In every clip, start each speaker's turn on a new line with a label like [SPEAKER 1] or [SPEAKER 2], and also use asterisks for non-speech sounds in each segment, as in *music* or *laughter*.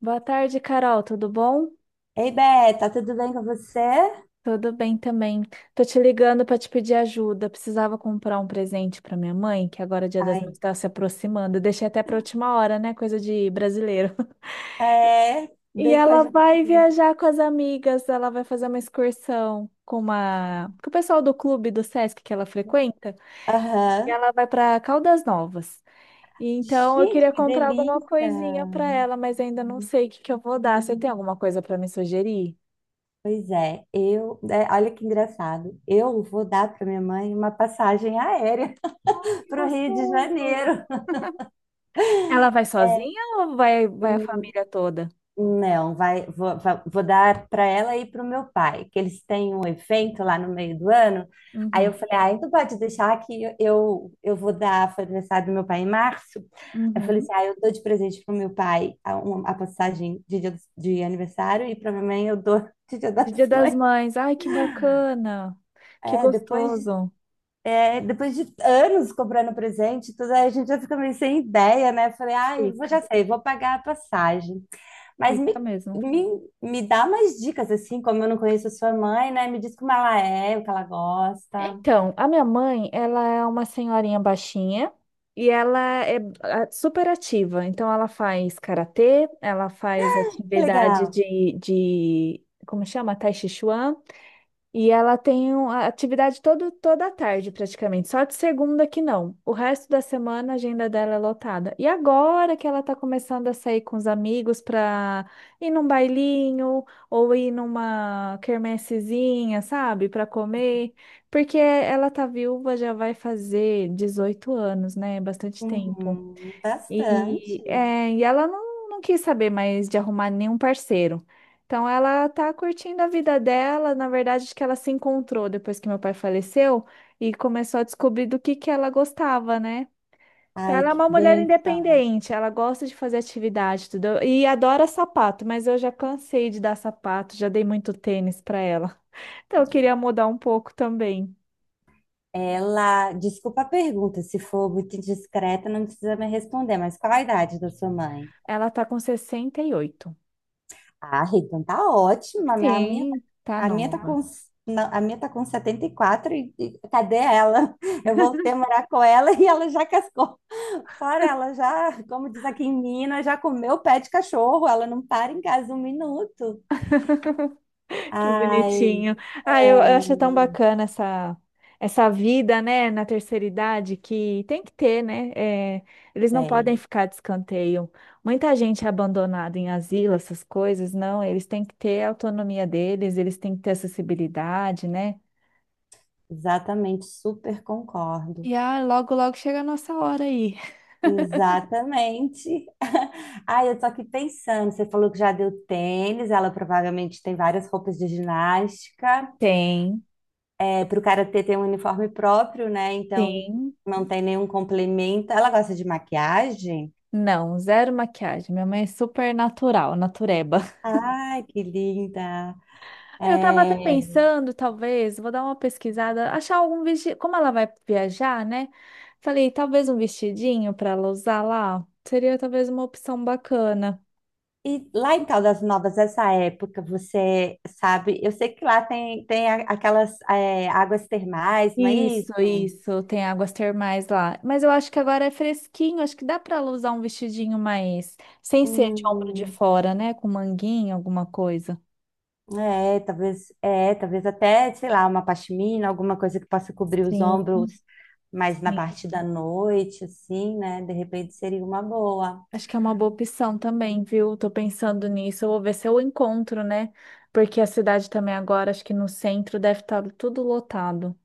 [SPEAKER 1] Boa tarde, Carol. Tudo bom?
[SPEAKER 2] Ei, Beta, tudo bem com você?
[SPEAKER 1] Tudo bem também. Tô te ligando para te pedir ajuda. Precisava comprar um presente para minha mãe, que agora o Dia das
[SPEAKER 2] Ai,
[SPEAKER 1] Mães está se aproximando. Eu deixei até para última hora, né? Coisa de brasileiro. *laughs*
[SPEAKER 2] é,
[SPEAKER 1] E
[SPEAKER 2] bem
[SPEAKER 1] ela
[SPEAKER 2] coisa pra
[SPEAKER 1] vai
[SPEAKER 2] também.
[SPEAKER 1] viajar com as amigas. Ela vai fazer uma excursão com uma com o pessoal do clube do Sesc que ela frequenta. E
[SPEAKER 2] Aham.
[SPEAKER 1] ela vai para Caldas Novas. E então eu
[SPEAKER 2] Gente,
[SPEAKER 1] queria
[SPEAKER 2] que
[SPEAKER 1] comprar alguma
[SPEAKER 2] delícia!
[SPEAKER 1] coisinha para ela, mas ainda não sei o que que eu vou dar. Você tem alguma coisa para me sugerir?
[SPEAKER 2] Pois é, eu. É, olha que engraçado. Eu vou dar para minha mãe uma passagem aérea *laughs* para o Rio de Janeiro.
[SPEAKER 1] Ela vai sozinha ou vai a
[SPEAKER 2] *laughs*
[SPEAKER 1] família toda?
[SPEAKER 2] Não, vou dar para ela e para o meu pai, que eles têm um evento lá no meio do ano. Aí
[SPEAKER 1] Uhum.
[SPEAKER 2] eu falei, ah, então pode deixar que eu vou dar, foi aniversário do meu pai em março. Aí eu falei
[SPEAKER 1] Uhum.
[SPEAKER 2] assim, ah, eu dou de presente para o meu pai a passagem de de aniversário e para minha mãe eu dou *laughs* de Dia das
[SPEAKER 1] De Dia das
[SPEAKER 2] Mães.
[SPEAKER 1] Mães. Ai, que bacana. Que
[SPEAKER 2] É, depois,
[SPEAKER 1] gostoso.
[SPEAKER 2] é, depois de anos comprando presente, e tudo aí a gente já fica meio sem ideia, né? Eu falei, ah, eu vou, já
[SPEAKER 1] Fica,
[SPEAKER 2] sei, vou pagar a passagem. Mas
[SPEAKER 1] fica mesmo.
[SPEAKER 2] me, me dá mais dicas, assim, como eu não conheço a sua mãe, né? Me diz como ela é, o que ela gosta.
[SPEAKER 1] Então, a minha mãe, ela é uma senhorinha baixinha e ela é super ativa. Então, ela faz karatê, ela faz
[SPEAKER 2] Que
[SPEAKER 1] atividade
[SPEAKER 2] legal.
[SPEAKER 1] de como chama? Tai Chi Chuan. E ela tem a atividade toda a tarde, praticamente. Só de segunda que não. O resto da semana a agenda dela é lotada. E agora que ela tá começando a sair com os amigos para ir num bailinho ou ir numa quermessezinha, sabe? Para comer. Porque ela tá viúva, já vai fazer 18 anos, né? Bastante tempo.
[SPEAKER 2] Uhum,
[SPEAKER 1] E,
[SPEAKER 2] bastante.
[SPEAKER 1] é, e ela não quis saber mais de arrumar nenhum parceiro. Então ela tá curtindo a vida dela, na verdade, acho que ela se encontrou depois que meu pai faleceu e começou a descobrir do que ela gostava, né? Então
[SPEAKER 2] Ai,
[SPEAKER 1] ela é
[SPEAKER 2] que
[SPEAKER 1] uma mulher
[SPEAKER 2] bênção.
[SPEAKER 1] independente, ela gosta de fazer atividade, tudo. E adora sapato, mas eu já cansei de dar sapato, já dei muito tênis para ela. *laughs* Então eu queria mudar um pouco também.
[SPEAKER 2] Ela, desculpa a pergunta, se for muito indiscreta, não precisa me responder, mas qual a idade da sua mãe?
[SPEAKER 1] Ela tá com 68.
[SPEAKER 2] Ah, então tá ótima. A minha,
[SPEAKER 1] Sim, tá
[SPEAKER 2] a minha tá
[SPEAKER 1] nova.
[SPEAKER 2] com, não, a minha tá com 74 e, quatro e cadê ela? Eu voltei a morar com ela e ela já cascou. Fora ela já, como diz aqui em Minas, já comeu pé de cachorro, ela não para em casa um minuto.
[SPEAKER 1] Que
[SPEAKER 2] Ai,
[SPEAKER 1] bonitinho. Ah,
[SPEAKER 2] é,
[SPEAKER 1] eu acho tão bacana essa vida, né, na terceira idade, que tem que ter, né? É, eles não podem
[SPEAKER 2] bem,
[SPEAKER 1] ficar de escanteio. Muita gente é abandonada em asilo, essas coisas, não. Eles têm que ter a autonomia deles, eles têm que ter acessibilidade, né?
[SPEAKER 2] exatamente, super concordo.
[SPEAKER 1] E logo, logo chega a nossa hora aí.
[SPEAKER 2] Exatamente. *laughs* Ai, eu tô aqui pensando, você falou que já deu tênis, ela provavelmente tem várias roupas de ginástica.
[SPEAKER 1] Tem,
[SPEAKER 2] É, pro karatê tem um uniforme próprio, né? Então
[SPEAKER 1] tem.
[SPEAKER 2] não tem nenhum complemento. Ela gosta de maquiagem?
[SPEAKER 1] Não, zero maquiagem. Minha mãe é super natural, natureba.
[SPEAKER 2] Ai, que linda.
[SPEAKER 1] Eu tava até
[SPEAKER 2] É.
[SPEAKER 1] pensando, talvez, vou dar uma pesquisada, achar algum vestido. Como ela vai viajar, né? Falei, talvez um vestidinho para ela usar lá. Seria talvez uma opção bacana.
[SPEAKER 2] E lá em Caldas Novas, essa época, você sabe, eu sei que lá tem aquelas é, águas termais, não é
[SPEAKER 1] Isso,
[SPEAKER 2] isso?
[SPEAKER 1] isso, tem águas termais lá. Mas eu acho que agora é fresquinho, acho que dá para ela usar um vestidinho mais. Sem ser de ombro de
[SPEAKER 2] Hum,
[SPEAKER 1] fora, né? Com manguinha, alguma coisa.
[SPEAKER 2] é, talvez até, sei lá, uma pashmina, alguma coisa que possa cobrir os
[SPEAKER 1] Sim,
[SPEAKER 2] ombros mais na
[SPEAKER 1] sim.
[SPEAKER 2] parte da noite, assim, né? De repente seria uma boa.
[SPEAKER 1] Acho que é uma boa opção também, viu? Tô pensando nisso. Eu vou ver se eu encontro, né? Porque a cidade também agora, acho que no centro deve estar tudo lotado.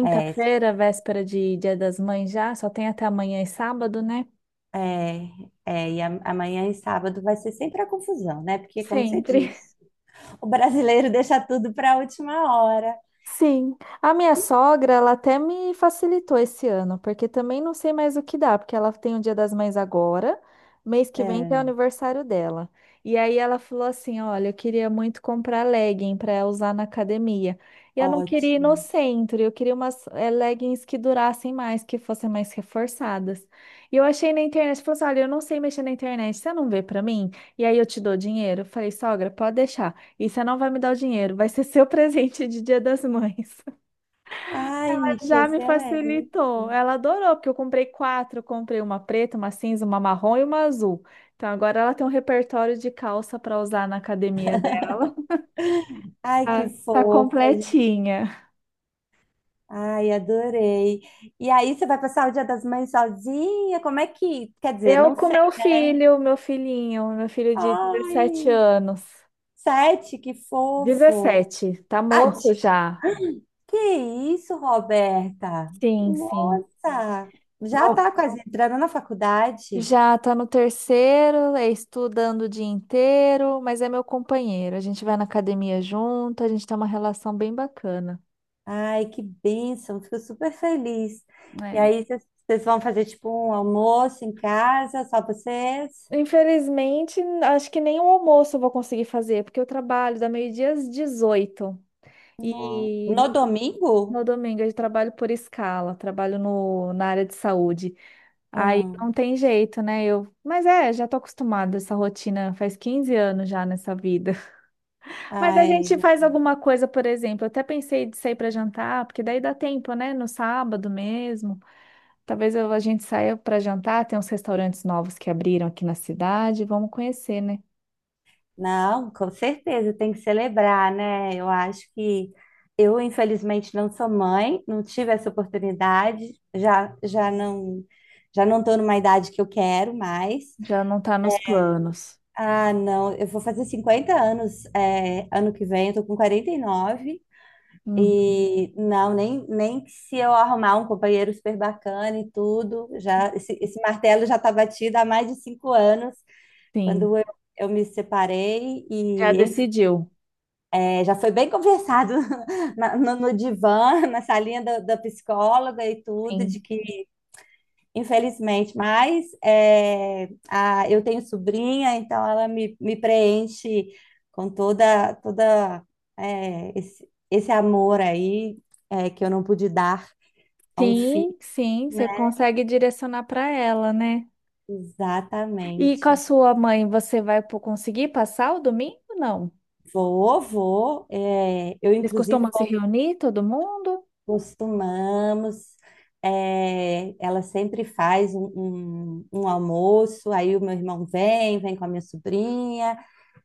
[SPEAKER 2] É,
[SPEAKER 1] véspera de Dia das Mães já, só tem até amanhã e sábado, né?
[SPEAKER 2] é, é, e amanhã e sábado vai ser sempre a confusão, né? Porque, como você
[SPEAKER 1] Sempre.
[SPEAKER 2] disse, o brasileiro *laughs* deixa tudo para a última hora.
[SPEAKER 1] Sim, a minha sogra, ela até me facilitou esse ano, porque também não sei mais o que dá, porque ela tem o Dia das Mães agora, mês que vem tem o
[SPEAKER 2] É,
[SPEAKER 1] aniversário dela. E aí ela falou assim: "Olha, eu queria muito comprar legging para usar na academia. E eu não queria ir no
[SPEAKER 2] ótimo.
[SPEAKER 1] centro, eu queria umas leggings que durassem mais, que fossem mais reforçadas". E eu achei na internet, falou assim: "Olha, eu não sei mexer na internet, você não vê para mim? E aí eu te dou dinheiro". Eu falei: "Sogra, pode deixar". E você não vai me dar o dinheiro, vai ser seu *laughs* presente de Dia das Mães. *laughs*
[SPEAKER 2] Ai,
[SPEAKER 1] Mas
[SPEAKER 2] que
[SPEAKER 1] já me
[SPEAKER 2] excelente.
[SPEAKER 1] facilitou. Ela adorou, porque eu comprei quatro, eu comprei uma preta, uma cinza, uma marrom e uma azul. Então agora ela tem um repertório de calça para usar na academia dela.
[SPEAKER 2] Ai, que
[SPEAKER 1] Tá
[SPEAKER 2] fofa. Gente.
[SPEAKER 1] completinha.
[SPEAKER 2] Ai, adorei. E aí, você vai passar o Dia das Mães sozinha? Como é que. Quer dizer,
[SPEAKER 1] Eu
[SPEAKER 2] não
[SPEAKER 1] com
[SPEAKER 2] sei,
[SPEAKER 1] meu
[SPEAKER 2] né?
[SPEAKER 1] filho, meu filhinho, meu filho de 17
[SPEAKER 2] Ai,
[SPEAKER 1] anos.
[SPEAKER 2] sete, que fofo.
[SPEAKER 1] 17, tá
[SPEAKER 2] Ah,
[SPEAKER 1] moço
[SPEAKER 2] de-
[SPEAKER 1] já.
[SPEAKER 2] que isso, Roberta?
[SPEAKER 1] Sim, sim.
[SPEAKER 2] Nossa, já tá quase entrando na faculdade.
[SPEAKER 1] Já tá no terceiro, é estudando o dia inteiro, mas é meu companheiro. A gente vai na academia junto, a gente tem uma relação bem bacana.
[SPEAKER 2] Ai, que bênção, fico super feliz. E
[SPEAKER 1] É.
[SPEAKER 2] aí, vocês vão fazer tipo um almoço em casa, só vocês?
[SPEAKER 1] Infelizmente, acho que nem o almoço eu vou conseguir fazer, porque eu trabalho da meio-dia às 18.
[SPEAKER 2] No,
[SPEAKER 1] E
[SPEAKER 2] no domingo?
[SPEAKER 1] no domingo eu trabalho por escala, trabalho no, na área de saúde. Aí
[SPEAKER 2] Ah,
[SPEAKER 1] não tem jeito, né? Eu, mas é, já tô acostumada a essa rotina, faz 15 anos já nessa vida. Mas a
[SPEAKER 2] ai,
[SPEAKER 1] gente faz alguma coisa, por exemplo. Eu até pensei de sair para jantar, porque daí dá tempo, né? No sábado mesmo. A gente saia para jantar. Tem uns restaurantes novos que abriram aqui na cidade. Vamos conhecer, né?
[SPEAKER 2] não, com certeza tem que celebrar, né? Eu acho que eu, infelizmente, não sou mãe, não tive essa oportunidade, já não estou numa idade que eu quero mais.
[SPEAKER 1] Já não tá nos planos.
[SPEAKER 2] Ah, não, eu vou fazer 50 anos, é, ano que vem, eu tô com 49
[SPEAKER 1] Hum,
[SPEAKER 2] e não, nem que se eu arrumar um companheiro super bacana e tudo, já esse martelo já está batido há mais de 5 anos.
[SPEAKER 1] sim,
[SPEAKER 2] Quando eu, eu me separei
[SPEAKER 1] já
[SPEAKER 2] e, enfim,
[SPEAKER 1] decidiu.
[SPEAKER 2] é, já foi bem conversado *laughs* no divã, *laughs* da psicóloga e tudo, de
[SPEAKER 1] Sim,
[SPEAKER 2] que, infelizmente, mas é, a, eu tenho sobrinha, então me preenche com toda é, esse amor aí é, que eu não pude dar a um filho,
[SPEAKER 1] sim, sim.
[SPEAKER 2] né?
[SPEAKER 1] Você consegue direcionar para ela, né? E com a
[SPEAKER 2] Exatamente.
[SPEAKER 1] sua mãe, você vai conseguir passar o domingo? Não.
[SPEAKER 2] Vou, vou. É, eu,
[SPEAKER 1] Vocês
[SPEAKER 2] inclusive,
[SPEAKER 1] costumam se reunir, todo mundo?
[SPEAKER 2] costumamos. É, ela sempre faz um almoço, aí o meu irmão vem, vem com a minha sobrinha,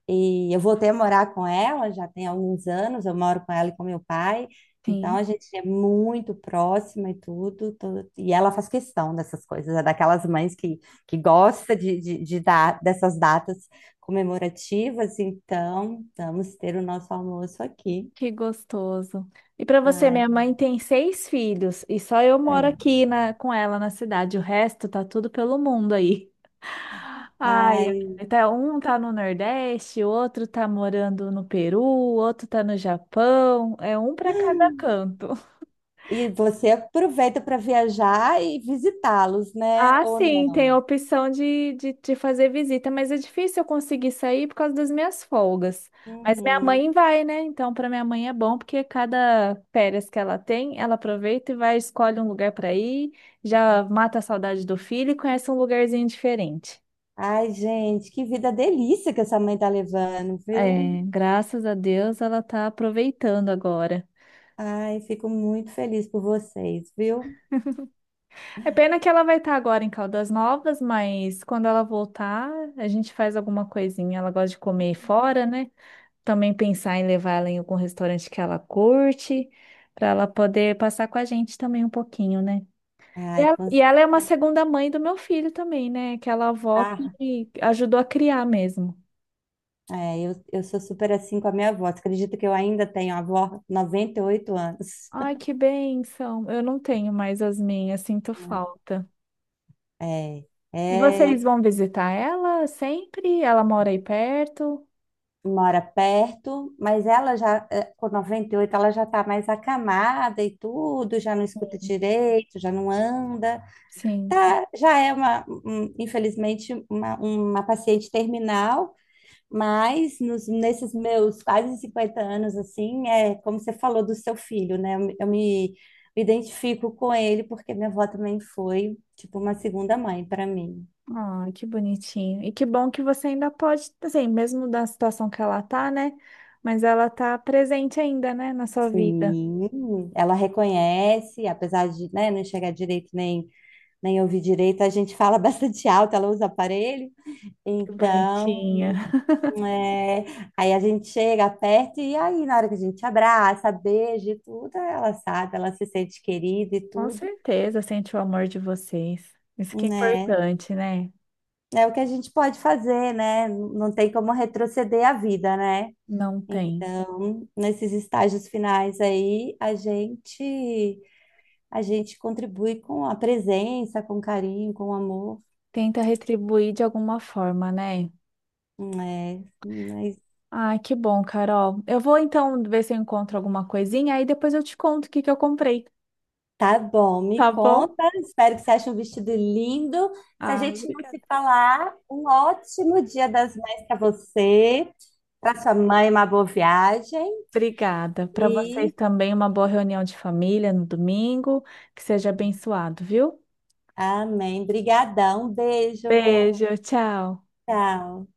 [SPEAKER 2] e eu voltei a morar com ela, já tem alguns anos, eu moro com ela e com meu pai, então a
[SPEAKER 1] Sim.
[SPEAKER 2] gente é muito próxima e e ela faz questão dessas coisas, é daquelas mães que gosta de dar dessas datas comemorativas, então vamos ter o nosso almoço aqui.
[SPEAKER 1] Que gostoso. E para você,
[SPEAKER 2] Ai,
[SPEAKER 1] minha mãe tem seis filhos e só eu
[SPEAKER 2] é.
[SPEAKER 1] moro aqui na, com ela na cidade. O resto tá tudo pelo mundo aí. Ai,
[SPEAKER 2] Ai,
[SPEAKER 1] ai, tá, um tá no Nordeste, o outro tá morando no Peru, o outro tá no Japão. É um para cada canto.
[SPEAKER 2] e você aproveita para viajar e visitá-los, né?
[SPEAKER 1] Ah,
[SPEAKER 2] Ou
[SPEAKER 1] sim,
[SPEAKER 2] não?
[SPEAKER 1] tem a opção de fazer visita, mas é difícil eu conseguir sair por causa das minhas folgas. Mas minha mãe
[SPEAKER 2] Uhum.
[SPEAKER 1] vai, né? Então, para minha mãe é bom, porque cada férias que ela tem, ela aproveita e vai, escolhe um lugar para ir, já mata a saudade do filho e conhece um lugarzinho diferente.
[SPEAKER 2] Ai, gente, que vida delícia que essa mãe tá levando, viu?
[SPEAKER 1] É, graças a Deus ela tá aproveitando agora.
[SPEAKER 2] Ai, fico muito feliz por vocês, viu?
[SPEAKER 1] É pena que ela vai estar agora em Caldas Novas, mas quando ela voltar, a gente faz alguma coisinha. Ela gosta de comer fora, né? Também pensar em levar ela em algum restaurante que ela curte, para ela poder passar com a gente também um pouquinho, né? E
[SPEAKER 2] Ai,
[SPEAKER 1] ela,
[SPEAKER 2] com
[SPEAKER 1] e ela é uma
[SPEAKER 2] certeza.
[SPEAKER 1] segunda mãe do meu filho também, né? Aquela avó
[SPEAKER 2] Ah,
[SPEAKER 1] que ajudou a criar mesmo.
[SPEAKER 2] é, eu sou super assim com a minha avó. Você acredita que eu ainda tenho a avó, 98 anos?
[SPEAKER 1] Ai,
[SPEAKER 2] *laughs*
[SPEAKER 1] que bênção! Eu não tenho mais as minhas, sinto falta.
[SPEAKER 2] É,
[SPEAKER 1] E
[SPEAKER 2] é,
[SPEAKER 1] vocês vão visitar ela sempre? Ela mora aí perto?
[SPEAKER 2] mora perto, mas ela já, é, com 98 ela já tá mais acamada e tudo, já não escuta direito, já não anda.
[SPEAKER 1] Sim.
[SPEAKER 2] Tá, já é infelizmente, uma paciente terminal, mas nos, nesses meus quase 50 anos, assim, é como você falou do seu filho, né? Eu me identifico com ele porque minha avó também foi, tipo, uma segunda mãe para mim.
[SPEAKER 1] Ai, que bonitinho. E que bom que você ainda pode, assim, mesmo da situação que ela tá, né? Mas ela tá presente ainda, né, na sua vida.
[SPEAKER 2] Sim, ela reconhece, apesar de, né, não enxergar direito nem, nem ouvir direito, a gente fala *laughs* bastante alto, ela usa aparelho,
[SPEAKER 1] Que
[SPEAKER 2] então
[SPEAKER 1] bonitinha.
[SPEAKER 2] é, aí a gente chega, perto e aí na hora que a gente abraça, beija e tudo, ela sabe, ela se sente querida e
[SPEAKER 1] Com
[SPEAKER 2] tudo,
[SPEAKER 1] certeza sente o amor de vocês. Isso que é
[SPEAKER 2] né?
[SPEAKER 1] importante, né?
[SPEAKER 2] É o que a gente pode fazer, né? Não tem como retroceder a vida, né?
[SPEAKER 1] Não tem.
[SPEAKER 2] Então, nesses estágios finais aí, a gente contribui com a presença, com carinho, com amor,
[SPEAKER 1] Tenta retribuir de alguma forma, né?
[SPEAKER 2] né?
[SPEAKER 1] Ai, que bom, Carol. Eu vou então ver se eu encontro alguma coisinha, aí depois eu te conto o que que eu comprei,
[SPEAKER 2] Tá bom, me
[SPEAKER 1] tá bom?
[SPEAKER 2] conta. Espero que você ache um vestido lindo. Se a
[SPEAKER 1] Ah,
[SPEAKER 2] gente não
[SPEAKER 1] obrigada.
[SPEAKER 2] se falar, um ótimo Dia das Mães para você, para sua mãe, uma boa viagem
[SPEAKER 1] Obrigada. Para vocês
[SPEAKER 2] e
[SPEAKER 1] também, uma boa reunião de família no domingo. Que seja abençoado, viu?
[SPEAKER 2] amém. Brigadão, beijo.
[SPEAKER 1] Beijo, tchau.
[SPEAKER 2] Tchau.